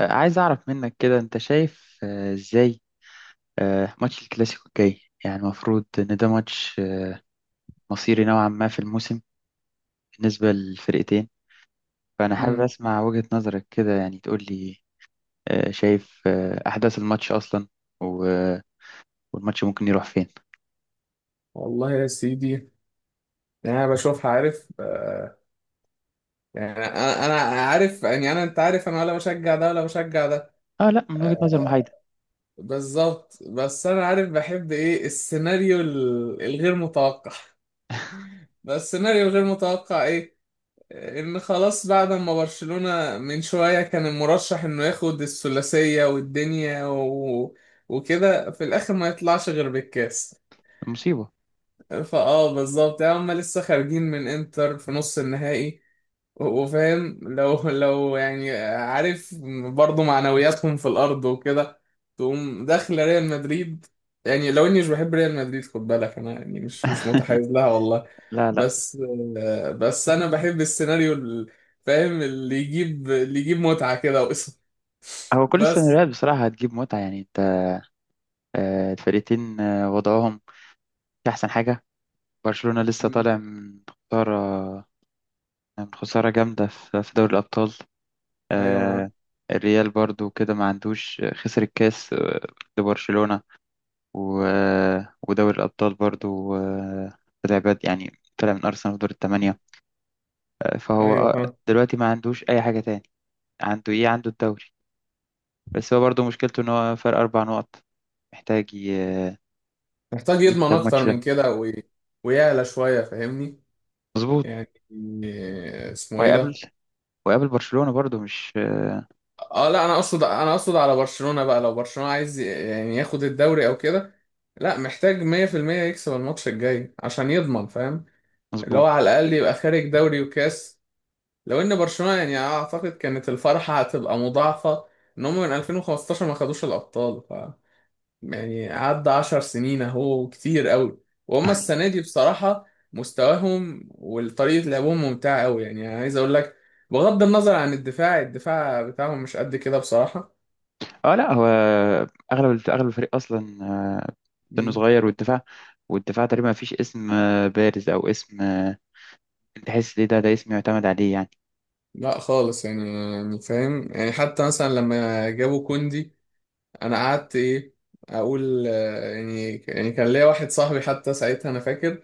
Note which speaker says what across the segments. Speaker 1: عايز أعرف منك كده أنت شايف إزاي ماتش الكلاسيكو الجاي يعني المفروض إن ده ماتش مصيري نوعا ما في الموسم بالنسبة للفرقتين. فأنا حابب
Speaker 2: امم
Speaker 1: أسمع وجهة نظرك كده، يعني تقول لي شايف أحداث الماتش أصلا، و- والماتش ممكن يروح فين؟
Speaker 2: والله يا سيدي. يعني انا بشوفها عارف آه، يعني انا عارف. يعني انا، انت عارف، انا ولا بشجع ده ولا بشجع ده.
Speaker 1: آه، لا، من وجهة نظر
Speaker 2: آه
Speaker 1: محايدة.
Speaker 2: بالظبط، بس انا عارف بحب ايه، السيناريو الغير متوقع. بس السيناريو الغير متوقع ايه؟ ان خلاص بعد ما برشلونة من شوية كان المرشح انه ياخد الثلاثية والدنيا وكده، في الاخر ما يطلعش غير بالكاس.
Speaker 1: مصيبة.
Speaker 2: فاه بالظبط، يعني هم لسه خارجين من انتر في نص النهائي، وفاهم لو لو يعني عارف، برضه معنوياتهم في الارض وكده، تقوم داخل ريال مدريد. يعني لو اني مش بحب ريال مدريد خد بالك، انا يعني مش متحيز لها والله.
Speaker 1: لا، لا.
Speaker 2: بس، بس انا بحب السيناريو فاهم، اللي يجيب متعة كده وقصة.
Speaker 1: هو كل
Speaker 2: بس.
Speaker 1: السيناريوهات بصراحة هتجيب متعة. يعني أنت الفرقتين وضعهم مش أحسن حاجة. برشلونة لسه
Speaker 2: مم.
Speaker 1: طالع من خسارة، كانت خسارة جامدة في دوري الأبطال.
Speaker 2: ايوه معاك.
Speaker 1: آه، الريال برضو كده ما عندوش، خسر الكاس لبرشلونة. ودوري الأبطال برضو طلع بد، يعني طلع من أرسنال في دور الثمانية. فهو
Speaker 2: ايوه فاهم.
Speaker 1: دلوقتي ما عندوش أي حاجة تاني. عنده إيه؟ عنده الدوري. بس هو برضو مشكلته إن هو فرق أربع نقط، محتاج
Speaker 2: محتاج
Speaker 1: يكسب
Speaker 2: يضمن اكتر
Speaker 1: الماتش ده.
Speaker 2: من كده ويعلى شوية، فاهمني؟
Speaker 1: مظبوط.
Speaker 2: يعني اسمه ايه
Speaker 1: وهيقابل
Speaker 2: ده.
Speaker 1: وهيقابل برشلونة برضو، مش
Speaker 2: اه لا انا اقصد على برشلونة بقى، لو برشلونة عايز يعني ياخد الدوري او كده، لا محتاج 100% يكسب الماتش الجاي عشان يضمن، فاهم، اللي هو
Speaker 1: مظبوط.
Speaker 2: على الاقل يبقى خارج دوري وكاس. لو ان برشلونة يعني اعتقد كانت الفرحة هتبقى مضاعفة، ان هم من 2015 ما خدوش الابطال. يعني عدى 10 سنين اهو، كتير قوي. وهم السنة دي بصراحة مستواهم وطريقة لعبهم ممتعة قوي، يعني أنا عايز اقول لك، بغض النظر عن الدفاع بتاعهم مش قد كده بصراحة.
Speaker 1: اه، لا، هو اغلب الفريق اصلا سنه
Speaker 2: مم.
Speaker 1: صغير. والدفاع، تقريبا ما فيش اسم بارز او اسم تحس ليه ده اسم يعتمد عليه يعني.
Speaker 2: لا خالص. يعني فاهم، يعني حتى مثلا لما جابوا كوندي انا قعدت ايه، اقول يعني كان ليا واحد صاحبي حتى ساعتها، انا فاكر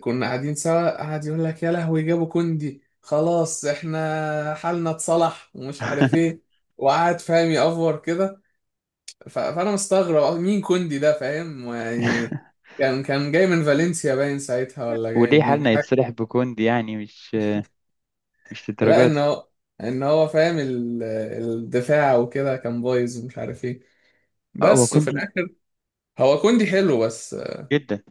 Speaker 2: كنا قاعدين سوا، قعد يقول لك يا لهوي جابوا كوندي، خلاص احنا حالنا اتصلح ومش عارف ايه، وقعد فاهم يأفور كده. فانا مستغرب، مين كوندي ده، فاهم يعني. كان جاي من فالنسيا باين ساعتها، ولا جاي
Speaker 1: وليه
Speaker 2: منين،
Speaker 1: حالنا
Speaker 2: حاجه
Speaker 1: يتصلح
Speaker 2: كده.
Speaker 1: بكوندي؟ يعني مش
Speaker 2: لا
Speaker 1: للدرجه
Speaker 2: ان
Speaker 1: دي.
Speaker 2: هو ان هو فاهم الدفاع وكده كان بايظ ومش عارف ايه،
Speaker 1: هو
Speaker 2: بس وفي
Speaker 1: كوندي
Speaker 2: الاخر. هو كوندي حلو، بس
Speaker 1: جدا.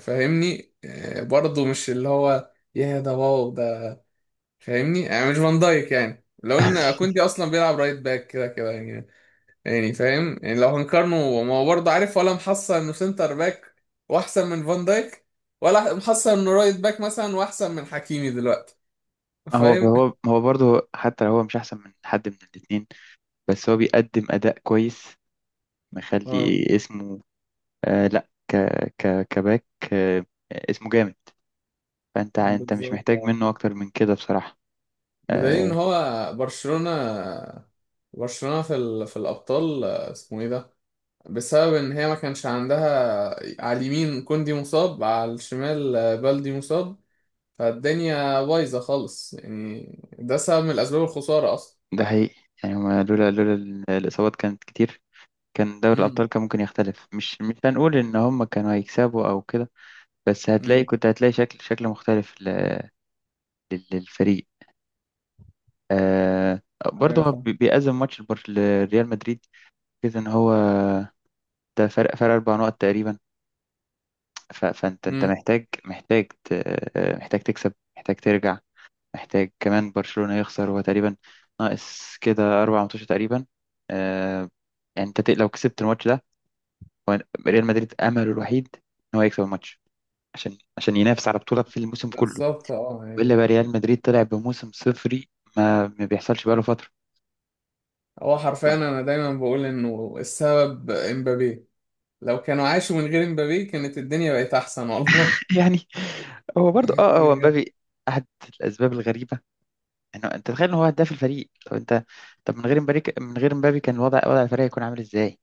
Speaker 2: فاهمني برضه مش اللي هو يا ده واو ده. فاهمني، يعني مش فان دايك. يعني لو ان كوندي اصلا بيلعب رايت باك كده كده يعني، يعني فاهم، يعني لو هنقارنه، ما هو برضه عارف ولا محصل انه سنتر باك واحسن من فان دايك، ولا محصل انه رايت باك مثلا واحسن من حكيمي دلوقتي.
Speaker 1: ما هو
Speaker 2: فاهم.
Speaker 1: هو ما هو برضه، حتى لو هو مش احسن من حد من الاثنين، بس هو بيقدم اداء كويس،
Speaker 2: اه
Speaker 1: مخلي اسمه. لا، ك ك كباك. آه، اسمه جامد. انت مش
Speaker 2: بالظبط
Speaker 1: محتاج
Speaker 2: اه،
Speaker 1: منه اكتر من كده بصراحة.
Speaker 2: بدليل ان
Speaker 1: آه،
Speaker 2: هو برشلونة، برشلونة في في الابطال اسمه ايه ده، بسبب ان هي ما كانش عندها على اليمين كوندي مصاب، على الشمال بالدي مصاب، فالدنيا بايظة خالص يعني. ده سبب من أسباب الخسارة أصلا.
Speaker 1: ده حقيقي. يعني هما لولا الإصابات كانت كتير، دوري
Speaker 2: امم
Speaker 1: الأبطال كان ممكن يختلف. مش هنقول إن هما كانوا هيكسبوا أو كده، بس هتلاقي،
Speaker 2: امم
Speaker 1: كنت هتلاقي شكل مختلف للفريق. آه برضه
Speaker 2: أيوة
Speaker 1: هو
Speaker 2: فاهم.
Speaker 1: بيأزم ماتش لريال مدريد كده، إن هو ده فرق أربع نقط تقريبا. فأنت
Speaker 2: امم
Speaker 1: محتاج محتاج تكسب، محتاج ترجع، محتاج كمان برشلونة يخسر. هو تقريبا ناقص كده أربع ماتشات تقريبا. آه، يعني لو كسبت الماتش ده، هو ريال مدريد امله الوحيد ان هو يكسب الماتش عشان ينافس على بطوله في الموسم كله.
Speaker 2: بالظبط اه.
Speaker 1: والا بقى ريال
Speaker 2: يعني
Speaker 1: مدريد طلع بموسم صفري، ما بيحصلش بقاله فتره.
Speaker 2: هو حرفيا أنا دايما بقول إنه السبب إمبابي. لو كانوا عاشوا من غير إمبابي كانت الدنيا بقت أحسن والله.
Speaker 1: يعني هو برضو اه، هو
Speaker 2: بجد.
Speaker 1: مبابي احد الاسباب الغريبه. انه انت تخيل ان هو هداف الفريق؟ طب انت، طب من غير مبابي كان وضع الفريق هيكون عامل ازاي؟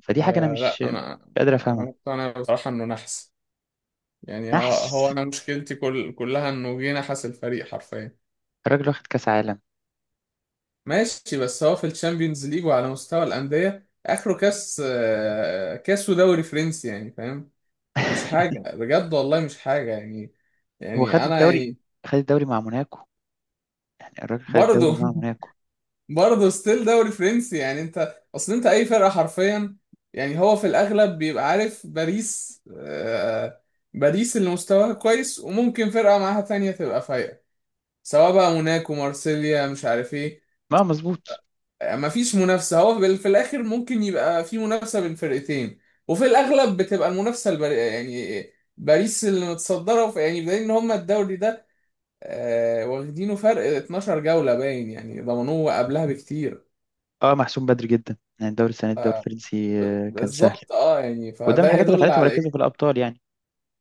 Speaker 1: فدي حاجه انا
Speaker 2: لا
Speaker 1: مش
Speaker 2: أنا
Speaker 1: قادر
Speaker 2: أنا
Speaker 1: افهمها.
Speaker 2: مقتنع بصراحة إنه نحس. يعني
Speaker 1: نحس؟
Speaker 2: هو، أنا مشكلتي كلها إنه جه نحس الفريق حرفيا.
Speaker 1: الراجل واخد كاس عالم.
Speaker 2: ماشي، بس هو في الشامبيونز ليج وعلى مستوى الأندية آخره كاس، كاس ودوري فرنسي، يعني فاهم. مش حاجة بجد والله، مش حاجة يعني.
Speaker 1: هو خد
Speaker 2: يعني أنا
Speaker 1: الدوري،
Speaker 2: يعني
Speaker 1: مع موناكو. يعني الراجل خد الدوري
Speaker 2: برضه،
Speaker 1: مع موناكو.
Speaker 2: برضه ستيل دوري فرنسي. يعني أنت أصل، أنت أي فرقة حرفيا، يعني هو في الأغلب بيبقى عارف، باريس اللي مستواها كويس، وممكن فرقة معاها تانية تبقى فايقة، سواء بقى موناكو، مارسيليا، مش عارف ايه.
Speaker 1: ما مظبوط،
Speaker 2: مفيش منافسة، هو في الآخر ممكن يبقى في منافسة بين فرقتين، وفي الأغلب بتبقى المنافسة يعني باريس اللي متصدرة، يعني بدليل إن هما الدوري ده واخدينه فرق 12 جولة، باين يعني ضمنوه قبلها بكتير.
Speaker 1: اه. محسوم بدري جدا، يعني الدوري السنه دي
Speaker 2: ف-
Speaker 1: الدوري الفرنسي كان سهل.
Speaker 2: بالظبط اه. يعني
Speaker 1: وده من
Speaker 2: فده
Speaker 1: الحاجات اللي
Speaker 2: يدل
Speaker 1: خلته
Speaker 2: على
Speaker 1: مركزه في
Speaker 2: ايه.
Speaker 1: الابطال يعني.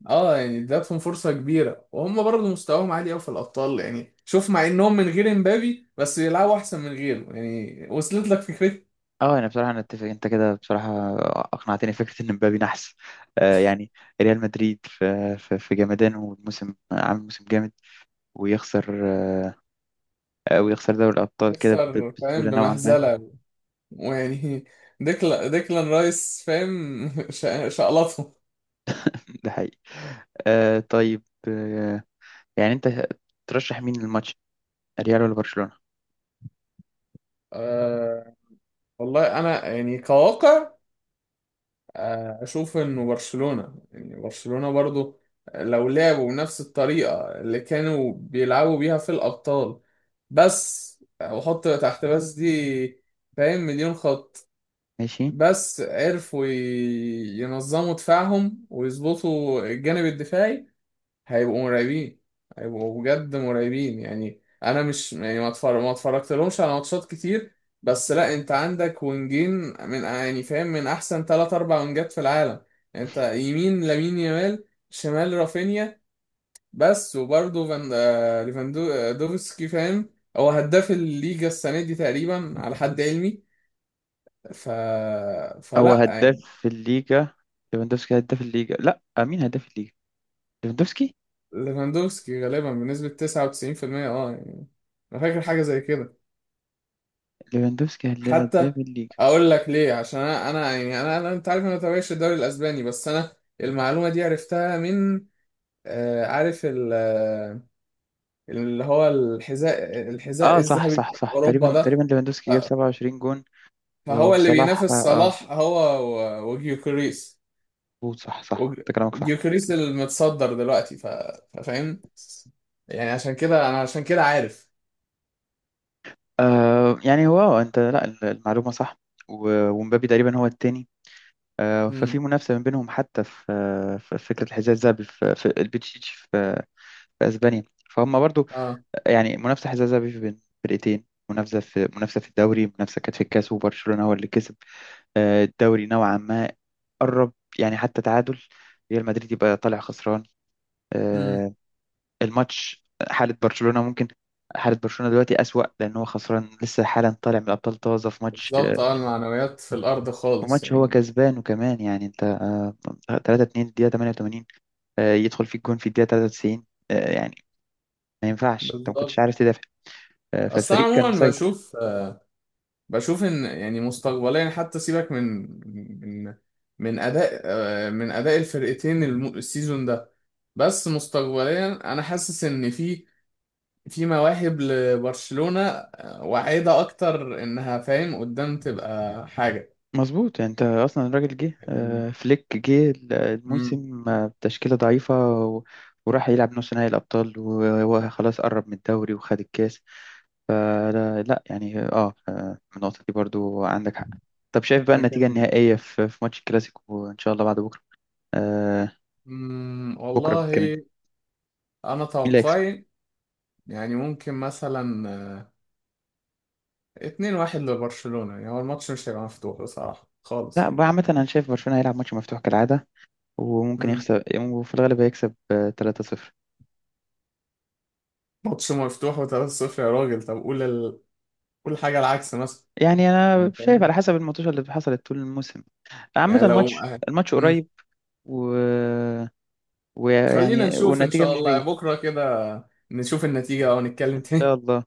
Speaker 2: اه يعني ادتهم فرصة كبيرة، وهم برضه مستواهم عالي قوي في الأبطال، يعني شوف، مع إنهم من غير امبابي بس بيلعبوا أحسن من غيره، يعني وصلت لك فكرة.
Speaker 1: اه، انا بصراحه، اتفق. انت كده بصراحه اقنعتني، فكره ان مبابي نحس. يعني ريال مدريد في جمدانه، والموسم عامل موسم جامد. ويخسر آه، ويخسر دوري الابطال كده
Speaker 2: يخسر فاهم
Speaker 1: بسهوله نوعا ما.
Speaker 2: بمهزلة، ويعني ديكلان رايس فاهم، شقلطهم.
Speaker 1: ده حقيقي. آه، طيب. آه يعني انت ترشح مين للماتش، ريال ولا برشلونه؟
Speaker 2: أه والله انا يعني كواقع اشوف انه برشلونة، يعني برشلونة برضو لو لعبوا بنفس الطريقة اللي كانوا بيلعبوا بيها في الابطال، بس وحط تحت بس دي، فاهم، مليون خط،
Speaker 1: ماشي.
Speaker 2: بس عرفوا ينظموا دفاعهم ويظبطوا الجانب الدفاعي، هيبقوا مرعبين. هيبقوا بجد مرعبين. يعني انا مش يعني ما اتفرجت لهمش على ماتشات كتير، بس لا انت عندك وينجين من يعني فاهم من احسن ثلاث اربع وينجات في العالم. يعني انت يمين لامين يامال، شمال رافينيا، بس. وبرضه فان آه، ليفاندو- آه، دوفسكي، فاهم، هو هداف الليجا السنه دي تقريبا على حد علمي. ف
Speaker 1: هو
Speaker 2: فلا يعني.
Speaker 1: هداف الليجا ليفاندوفسكي، هداف الليجا؟ لا، مين هداف الليجا؟ ليفاندوفسكي.
Speaker 2: ليفاندوفسكي غالبا بنسبه 99% اه يعني، انا فاكر حاجه زي كده،
Speaker 1: ليفاندوفسكي
Speaker 2: حتى
Speaker 1: هداف الليجا.
Speaker 2: اقول لك ليه، عشان أنا انت عارف، انا ما بتابعش الدوري الاسباني، بس انا المعلومه دي عرفتها من، عارف اللي هو الحذاء
Speaker 1: اه، صح،
Speaker 2: الذهبي
Speaker 1: صح،
Speaker 2: بتاع
Speaker 1: صح،
Speaker 2: اوروبا
Speaker 1: تقريبا،
Speaker 2: ده. ف-
Speaker 1: ليفاندوفسكي جاب 27 جون.
Speaker 2: فهو اللي
Speaker 1: وصلاح،
Speaker 2: بينافس
Speaker 1: اه.
Speaker 2: صلاح، هو وجيوكريس
Speaker 1: مظبوط، صح، صح،
Speaker 2: وج-
Speaker 1: انت كلامك صح.
Speaker 2: جيوكريس المتصدر دلوقتي، فاهم. يعني عشان كده عارف.
Speaker 1: يعني هو انت، لا، المعلومة صح. ومبابي تقريبا هو التاني. آه، ففي
Speaker 2: امم
Speaker 1: منافسة من بينهم، حتى في في فكرة الحذاء الذهبي في البتشيتش، في اسبانيا. فهم برضو
Speaker 2: اه
Speaker 1: يعني منافسة حذاء ذهبي بين فرقتين، منافسة في الدوري، منافسة كانت في الكاس، وبرشلونة هو اللي كسب الدوري نوعا ما قرب. يعني حتى تعادل، ريال مدريد يبقى طالع خسران
Speaker 2: امم
Speaker 1: آه، الماتش. حالة برشلونة دلوقتي أسوأ، لأن هو خسران لسه حالا طالع من الأبطال طازة في ماتش
Speaker 2: بالظبط اه، المعنويات في الارض خالص
Speaker 1: وماتش هو
Speaker 2: يعني.
Speaker 1: كسبان. وكمان يعني أنت 3-2 الدقيقة 88، يدخل فيك جون في الدقيقة 93. يعني ما ينفعش أنت ما كنتش
Speaker 2: بالظبط.
Speaker 1: عارف تدافع
Speaker 2: اصل انا
Speaker 1: فالفريق كان
Speaker 2: عموما
Speaker 1: مسيطر.
Speaker 2: بشوف ان يعني مستقبليا، حتى سيبك من من اداء الفرقتين السيزون ده، بس مستقبليا انا حاسس ان في مواهب لبرشلونة واعدة، اكتر انها فاهم قدام تبقى حاجة
Speaker 1: مظبوط. يعني انت اصلا الراجل جه
Speaker 2: يعني.
Speaker 1: فليك جه
Speaker 2: امم
Speaker 1: الموسم بتشكيله ضعيفه. و- وراح يلعب نص نهائي الابطال، وهو خلاص قرب من الدوري وخد الكاس. فلا، لا، يعني اه، النقطه دي برضو عندك حق. طب شايف بقى النتيجه
Speaker 2: لكن
Speaker 1: النهائيه في ماتش الكلاسيكو ان شاء الله بعد بكره؟ آه، بكره
Speaker 2: والله
Speaker 1: كمان، مين
Speaker 2: انا
Speaker 1: اللي هيكسب؟
Speaker 2: توقعي يعني ممكن مثلا 2-1 لبرشلونة، يعني هو الماتش مش هيبقى مفتوح بصراحة خالص
Speaker 1: لا بقى
Speaker 2: يعني.
Speaker 1: عامه، انا شايف برشلونه هيلعب ماتش مفتوح كالعاده، وممكن يخسر، وفي الغالب هيكسب 3-0.
Speaker 2: ماتش مفتوح وثلاثة صفر يا راجل، طب قول قول حاجة العكس مثلا،
Speaker 1: يعني
Speaker 2: يعني
Speaker 1: انا شايف
Speaker 2: فاهم،
Speaker 1: على حسب الماتشات اللي حصلت طول الموسم. عامة
Speaker 2: يعني لو.
Speaker 1: الماتش
Speaker 2: مم.
Speaker 1: قريب، و...
Speaker 2: خلينا
Speaker 1: ويعني
Speaker 2: نشوف إن
Speaker 1: والنتيجة
Speaker 2: شاء
Speaker 1: مش
Speaker 2: الله
Speaker 1: بعيد
Speaker 2: بكرة كده، نشوف النتيجة أو نتكلم
Speaker 1: إن شاء
Speaker 2: تاني.
Speaker 1: الله.